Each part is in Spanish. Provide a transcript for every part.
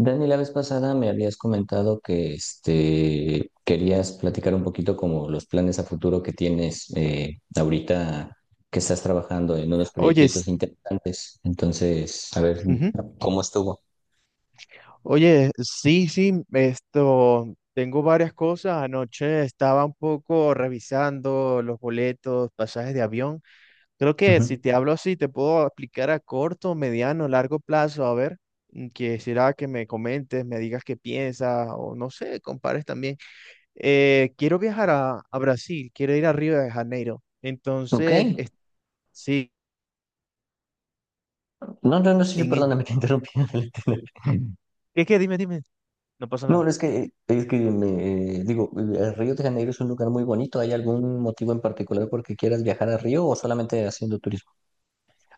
Dani, la vez pasada me habías comentado que querías platicar un poquito como los planes a futuro que tienes ahorita que estás trabajando en unos Oye, proyectitos interesantes. Entonces, a ver ujú. cómo estuvo. Oye, sí, sí, esto, tengo varias cosas. Anoche estaba un poco revisando los boletos, pasajes de avión. Creo que Ujú. si te hablo así, te puedo aplicar a corto, mediano, largo plazo. A ver, quisiera que me comentes, me digas qué piensas o no sé, compares también. Quiero viajar a Brasil, quiero ir a Río de Janeiro. Ok. Entonces, sí, No, no, no, sí, sí, en, e- perdóname, te interrumpí. ¿qué? Dime, dime. No pasa nada. No, es que me digo, Río de Janeiro es un lugar muy bonito. ¿Hay algún motivo en particular por que quieras viajar a Río o solamente haciendo turismo?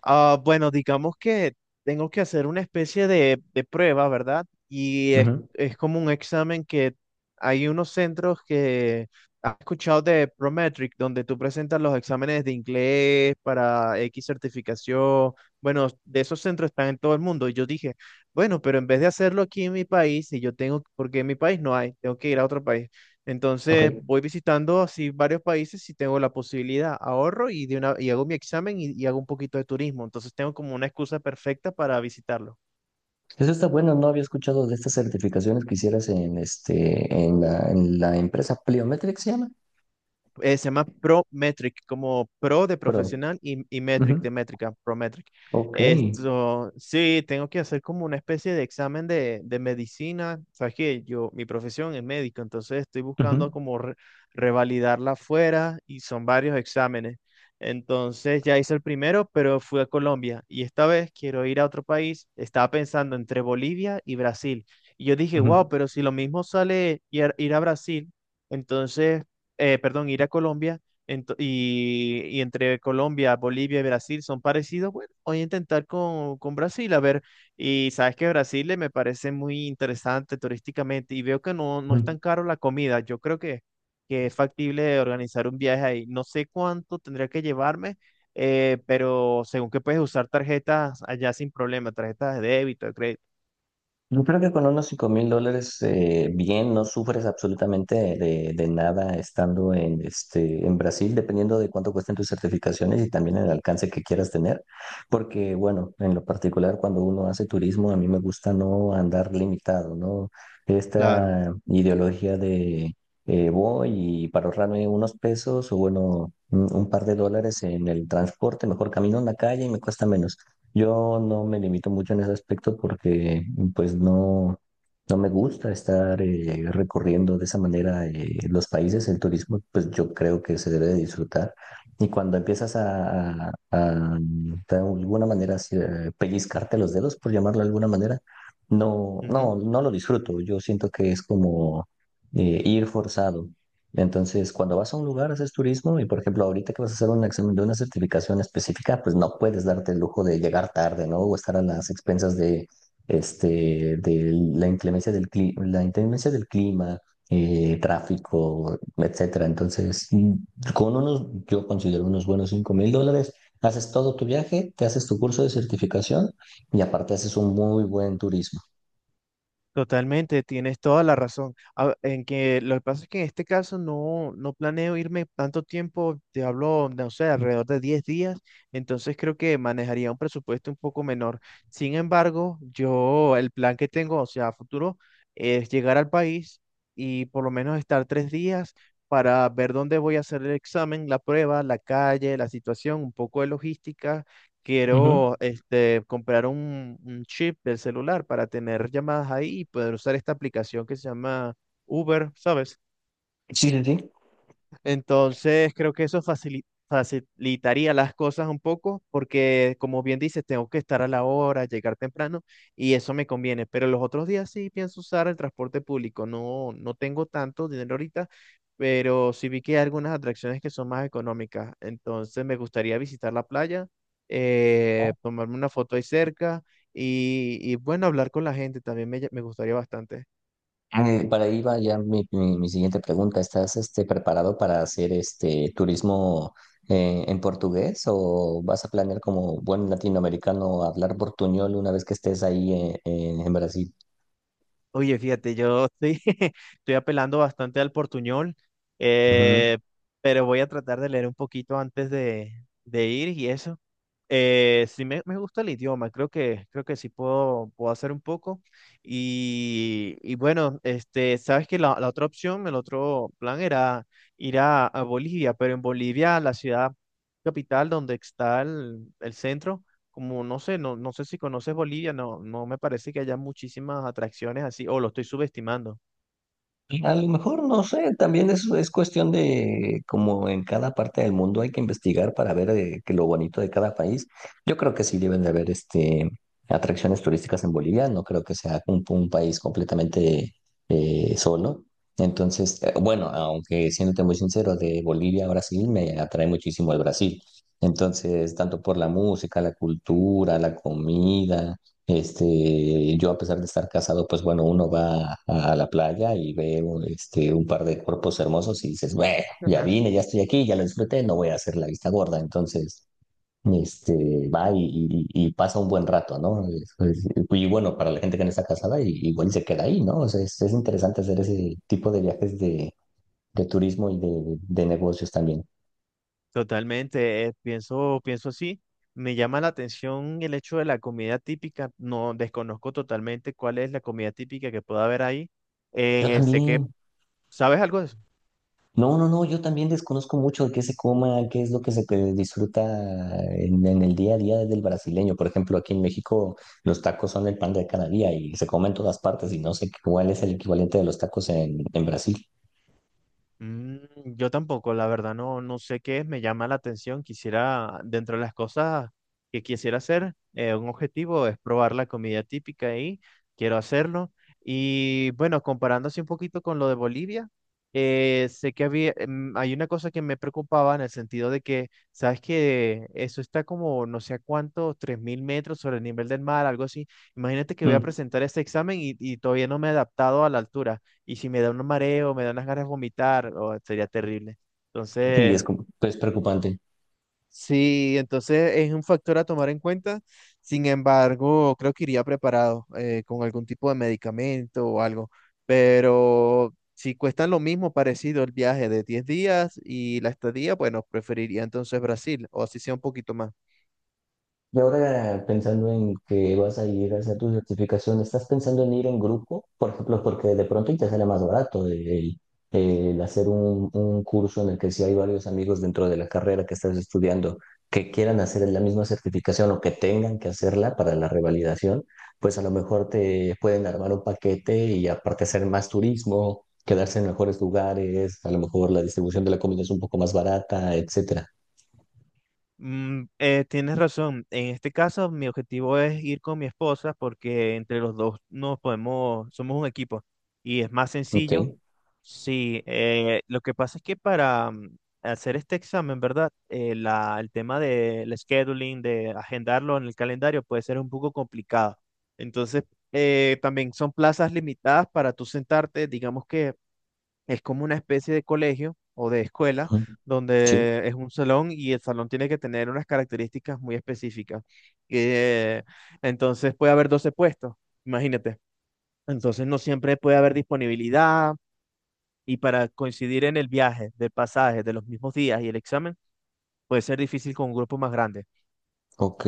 Ah, bueno, digamos que tengo que hacer una especie de prueba, ¿verdad? Y es, Ujú. es como un examen que hay unos centros que has escuchado de Prometric, donde tú presentas los exámenes de inglés para X certificación. Bueno, de esos centros están en todo el mundo. Y yo dije, bueno, pero en vez de hacerlo aquí en mi país, si yo tengo, porque en mi país no hay, tengo que ir a otro país. Entonces Ok. voy visitando así varios países si tengo la posibilidad, ahorro y, de una, y hago mi examen y hago un poquito de turismo. Entonces tengo como una excusa perfecta para visitarlo. Eso está bueno, no había escuchado de estas certificaciones que hicieras en la empresa Pliometric se llama, Se llama Prometric, como pro de pero. profesional y metric de Ujú. métrica, Prometric. Ok. Esto, sí, tengo que hacer como una especie de examen de medicina. Sabes que yo, mi profesión es médico, entonces estoy buscando Ujú, como revalidarla afuera y son varios exámenes. Entonces ya hice el primero, pero fui a Colombia y esta vez quiero ir a otro país. Estaba pensando entre Bolivia y Brasil. Y yo dije, wow, ujú, pero si lo mismo sale ir a Brasil, entonces perdón, ir a Colombia, y entre Colombia, Bolivia y Brasil son parecidos, bueno, voy a intentar con Brasil, a ver, y sabes que Brasil me parece muy interesante turísticamente y veo que no, no es ujú. tan caro la comida, yo creo que es factible organizar un viaje ahí, no sé cuánto tendría que llevarme. Pero según que puedes usar tarjetas allá sin problema, tarjetas de débito, de crédito. Yo creo que con unos $5,000 bien, no sufres absolutamente de nada estando en Brasil, dependiendo de cuánto cuesten tus certificaciones y también el alcance que quieras tener. Porque, bueno, en lo particular, cuando uno hace turismo, a mí me gusta no andar limitado, ¿no? Claro. Esta ideología de voy y para ahorrarme unos pesos o, bueno, un par de dólares en el transporte, mejor camino en la calle y me cuesta menos. Yo no me limito mucho en ese aspecto porque pues no, no me gusta estar recorriendo de esa manera los países. El turismo pues yo creo que se debe de disfrutar y cuando empiezas a de alguna manera así, pellizcarte los dedos, por llamarlo de alguna manera, no, Ujú. no, no lo disfruto. Yo siento que es como ir forzado. Entonces, cuando vas a un lugar, haces turismo y, por ejemplo, ahorita que vas a hacer un examen de una certificación específica, pues no puedes darte el lujo de llegar tarde, ¿no? O estar a las expensas de la inclemencia del clima, tráfico, etcétera. Entonces, con unos, yo considero unos buenos $5,000, haces todo tu viaje, te haces tu curso de certificación y aparte haces un muy buen turismo. Totalmente, tienes toda la razón. En que lo que pasa es que en este caso no, no planeo irme tanto tiempo, te hablo, no sé, alrededor de 10 días, entonces creo que manejaría un presupuesto un poco menor. Sin embargo, yo el plan que tengo, o sea, a futuro, es llegar al país y por lo menos estar 3 días para ver dónde voy a hacer el examen, la prueba, la calle, la situación, un poco de logística. Ujú. Quiero, este, comprar un chip del celular para tener llamadas ahí y poder usar esta aplicación que se llama Uber, ¿sabes? Sí, sí, sí. Entonces, creo que eso facilitaría las cosas un poco, porque como bien dices, tengo que estar a la hora, llegar temprano, y eso me conviene. Pero los otros días sí pienso usar el transporte público. No, no tengo tanto dinero ahorita, pero sí vi que hay algunas atracciones que son más económicas. Entonces, me gustaría visitar la playa, tomarme una foto ahí cerca bueno, hablar con la gente también me gustaría bastante. Para ahí va ya mi siguiente pregunta. ¿Estás preparado para hacer este turismo en portugués o vas a planear como buen latinoamericano hablar portuñol una vez que estés ahí en Brasil? Oye, fíjate, yo estoy, estoy apelando bastante al portuñol. eh, pero voy a tratar de leer un poquito antes de ir y eso. Sí, me gusta el idioma, creo que sí puedo hacer un poco. Y bueno, este, sabes que la otra opción, el otro plan era ir a Bolivia. Pero en Bolivia, la ciudad capital donde está el centro, como no sé, no, no sé si conoces Bolivia, no, no me parece que haya muchísimas atracciones así, o lo estoy subestimando. A lo mejor, no sé, también es cuestión de como en cada parte del mundo hay que investigar para ver que lo bonito de cada país. Yo creo que sí deben de haber atracciones turísticas en Bolivia, no creo que sea un país completamente solo. Entonces, bueno, aunque siéndote muy sincero, de Bolivia a Brasil me atrae muchísimo el Brasil. Entonces, tanto por la música, la cultura, la comida. Yo a pesar de estar casado, pues bueno, uno va a la playa y ve un par de cuerpos hermosos y dices, bueno, ya vine, ya estoy aquí, ya lo disfruté, no voy a hacer la vista gorda. Entonces, va y pasa un buen rato, ¿no? Y bueno, para la gente que no está casada, igual se queda ahí, ¿no? O sea, es interesante hacer ese tipo de viajes de turismo y de negocios también. Totalmente, pienso así. Me llama la atención el hecho de la comida típica. No desconozco totalmente cuál es la comida típica que pueda haber ahí. Yo Eh, sé que, también. ¿Sabes algo de eso? No, no, no, yo también desconozco mucho de qué se coma, qué es lo que se disfruta en el día a día del brasileño. Por ejemplo, aquí en México los tacos son el pan de cada día y se comen en todas partes y no sé cuál es el equivalente de los tacos en Brasil. Mm, yo tampoco, la verdad, no, no sé qué es, me llama la atención. Quisiera, dentro de las cosas que quisiera hacer, un objetivo es probar la comida típica y quiero hacerlo. Y bueno, comparando así un poquito con lo de Bolivia, sé que había, em, hay una cosa que me preocupaba en el sentido de que, sabes que eso está como no sé a cuánto, 3.000 metros sobre el nivel del mar, algo así. Imagínate que voy a Mm. presentar este examen y todavía no me he adaptado a la altura. Y si me da un mareo, me da unas ganas de vomitar, oh, sería terrible. Y Entonces, es preocupante. Sí, entonces es un factor a tomar en cuenta. Sin embargo, creo que iría preparado con algún tipo de medicamento o algo. Pero si cuestan lo mismo, parecido el viaje de 10 días y la estadía, bueno, preferiría entonces Brasil, o así sea un poquito más. Y ahora pensando en que vas a ir a hacer tu certificación, ¿estás pensando en ir en grupo? Por ejemplo, porque de pronto y te sale más barato el hacer un curso en el que si hay varios amigos dentro de la carrera que estás estudiando que quieran hacer la misma certificación o que tengan que hacerla para la revalidación, pues a lo mejor te pueden armar un paquete y aparte hacer más turismo, quedarse en mejores lugares, a lo mejor la distribución de la comida es un poco más barata, etcétera. Tienes razón. En este caso, mi objetivo es ir con mi esposa porque entre los dos nos podemos, somos un equipo y es más Ok. sencillo. Sí, lo que pasa es que para hacer este examen, ¿verdad? El tema del scheduling, de agendarlo en el calendario, puede ser un poco complicado. Entonces, también son plazas limitadas para tú sentarte, digamos que es como una especie de colegio o de escuela, Ujú. Sí, donde es un salón y el salón tiene que tener unas características muy específicas. Eh, entonces, puede haber 12 puestos, imagínate. Entonces no siempre puede haber disponibilidad y para coincidir en el viaje, del pasaje, de los mismos días y el examen, puede ser difícil con un grupo más grande. ok.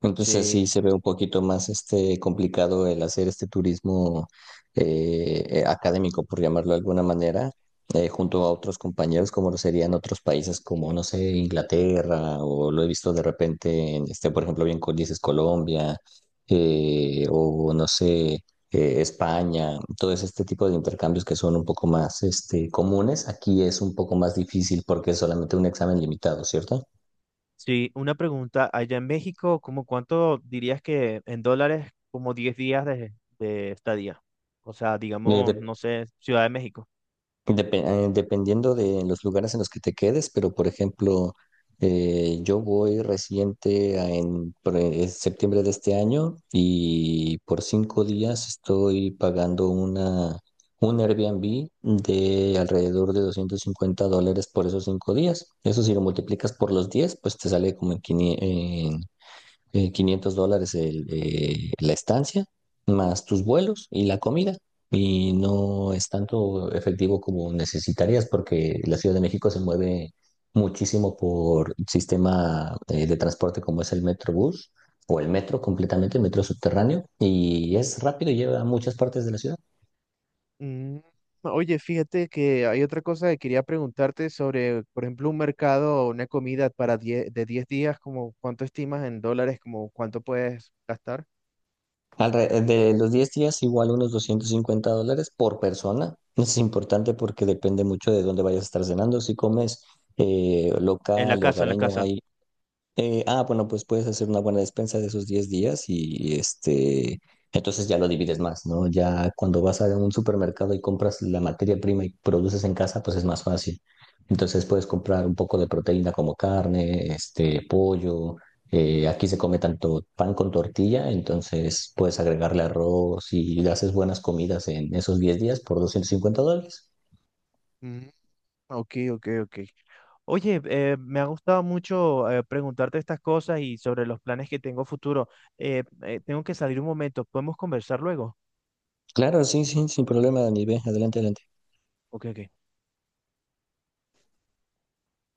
Entonces sí Sí, se ve un poquito más complicado el hacer este turismo académico, por llamarlo de alguna manera, junto a otros compañeros, como lo serían otros países como, no sé, Inglaterra, o lo he visto de repente en por ejemplo, bien con dices Colombia, o no sé, España, todos este tipo de intercambios que son un poco más comunes, aquí es un poco más difícil porque es solamente un examen limitado, ¿cierto? sí, una pregunta, allá en México, ¿cómo cuánto dirías que en dólares, como 10 días de estadía? O sea, Eh, digamos, de- no sé, Ciudad de México. Depe- dependiendo de los lugares en los que te quedes, pero por ejemplo, yo voy reciente en septiembre de este año y por 5 días estoy pagando un Airbnb de alrededor de $250 por esos 5 días. Eso si lo multiplicas por los 10, pues te sale como en $500 la estancia, más tus vuelos y la comida. Y no es tanto efectivo como necesitarías porque la Ciudad de México se mueve muchísimo por sistema de transporte como es el Metrobús o el metro completamente, el metro subterráneo, y es rápido y lleva a muchas partes de la ciudad. Mm, Oye, fíjate que hay otra cosa que quería preguntarte sobre, por ejemplo, un mercado o una comida para 10 de 10 días, como cuánto estimas en dólares, como cuánto puedes gastar. De los 10 días, igual unos $250 por persona. Es importante porque depende mucho de dónde vayas a estar cenando. Si comes En la local, casa, en la hogareño, casa. Bueno, pues puedes hacer una buena despensa de esos 10 días y entonces ya lo divides más, ¿no? Ya cuando vas a un supermercado y compras la materia prima y produces en casa, pues es más fácil. Entonces puedes comprar un poco de proteína como carne, pollo. Aquí se come tanto pan con tortilla, entonces puedes agregarle arroz y le haces buenas comidas en esos 10 días por $250. Mm. Ok, ok, ok. Oye, me ha gustado mucho preguntarte estas cosas y sobre los planes que tengo futuro. Tengo que salir un momento. ¿Podemos conversar luego? Claro, sí, sí, sin problema, Dani. Ve, adelante, adelante. Ok, ok.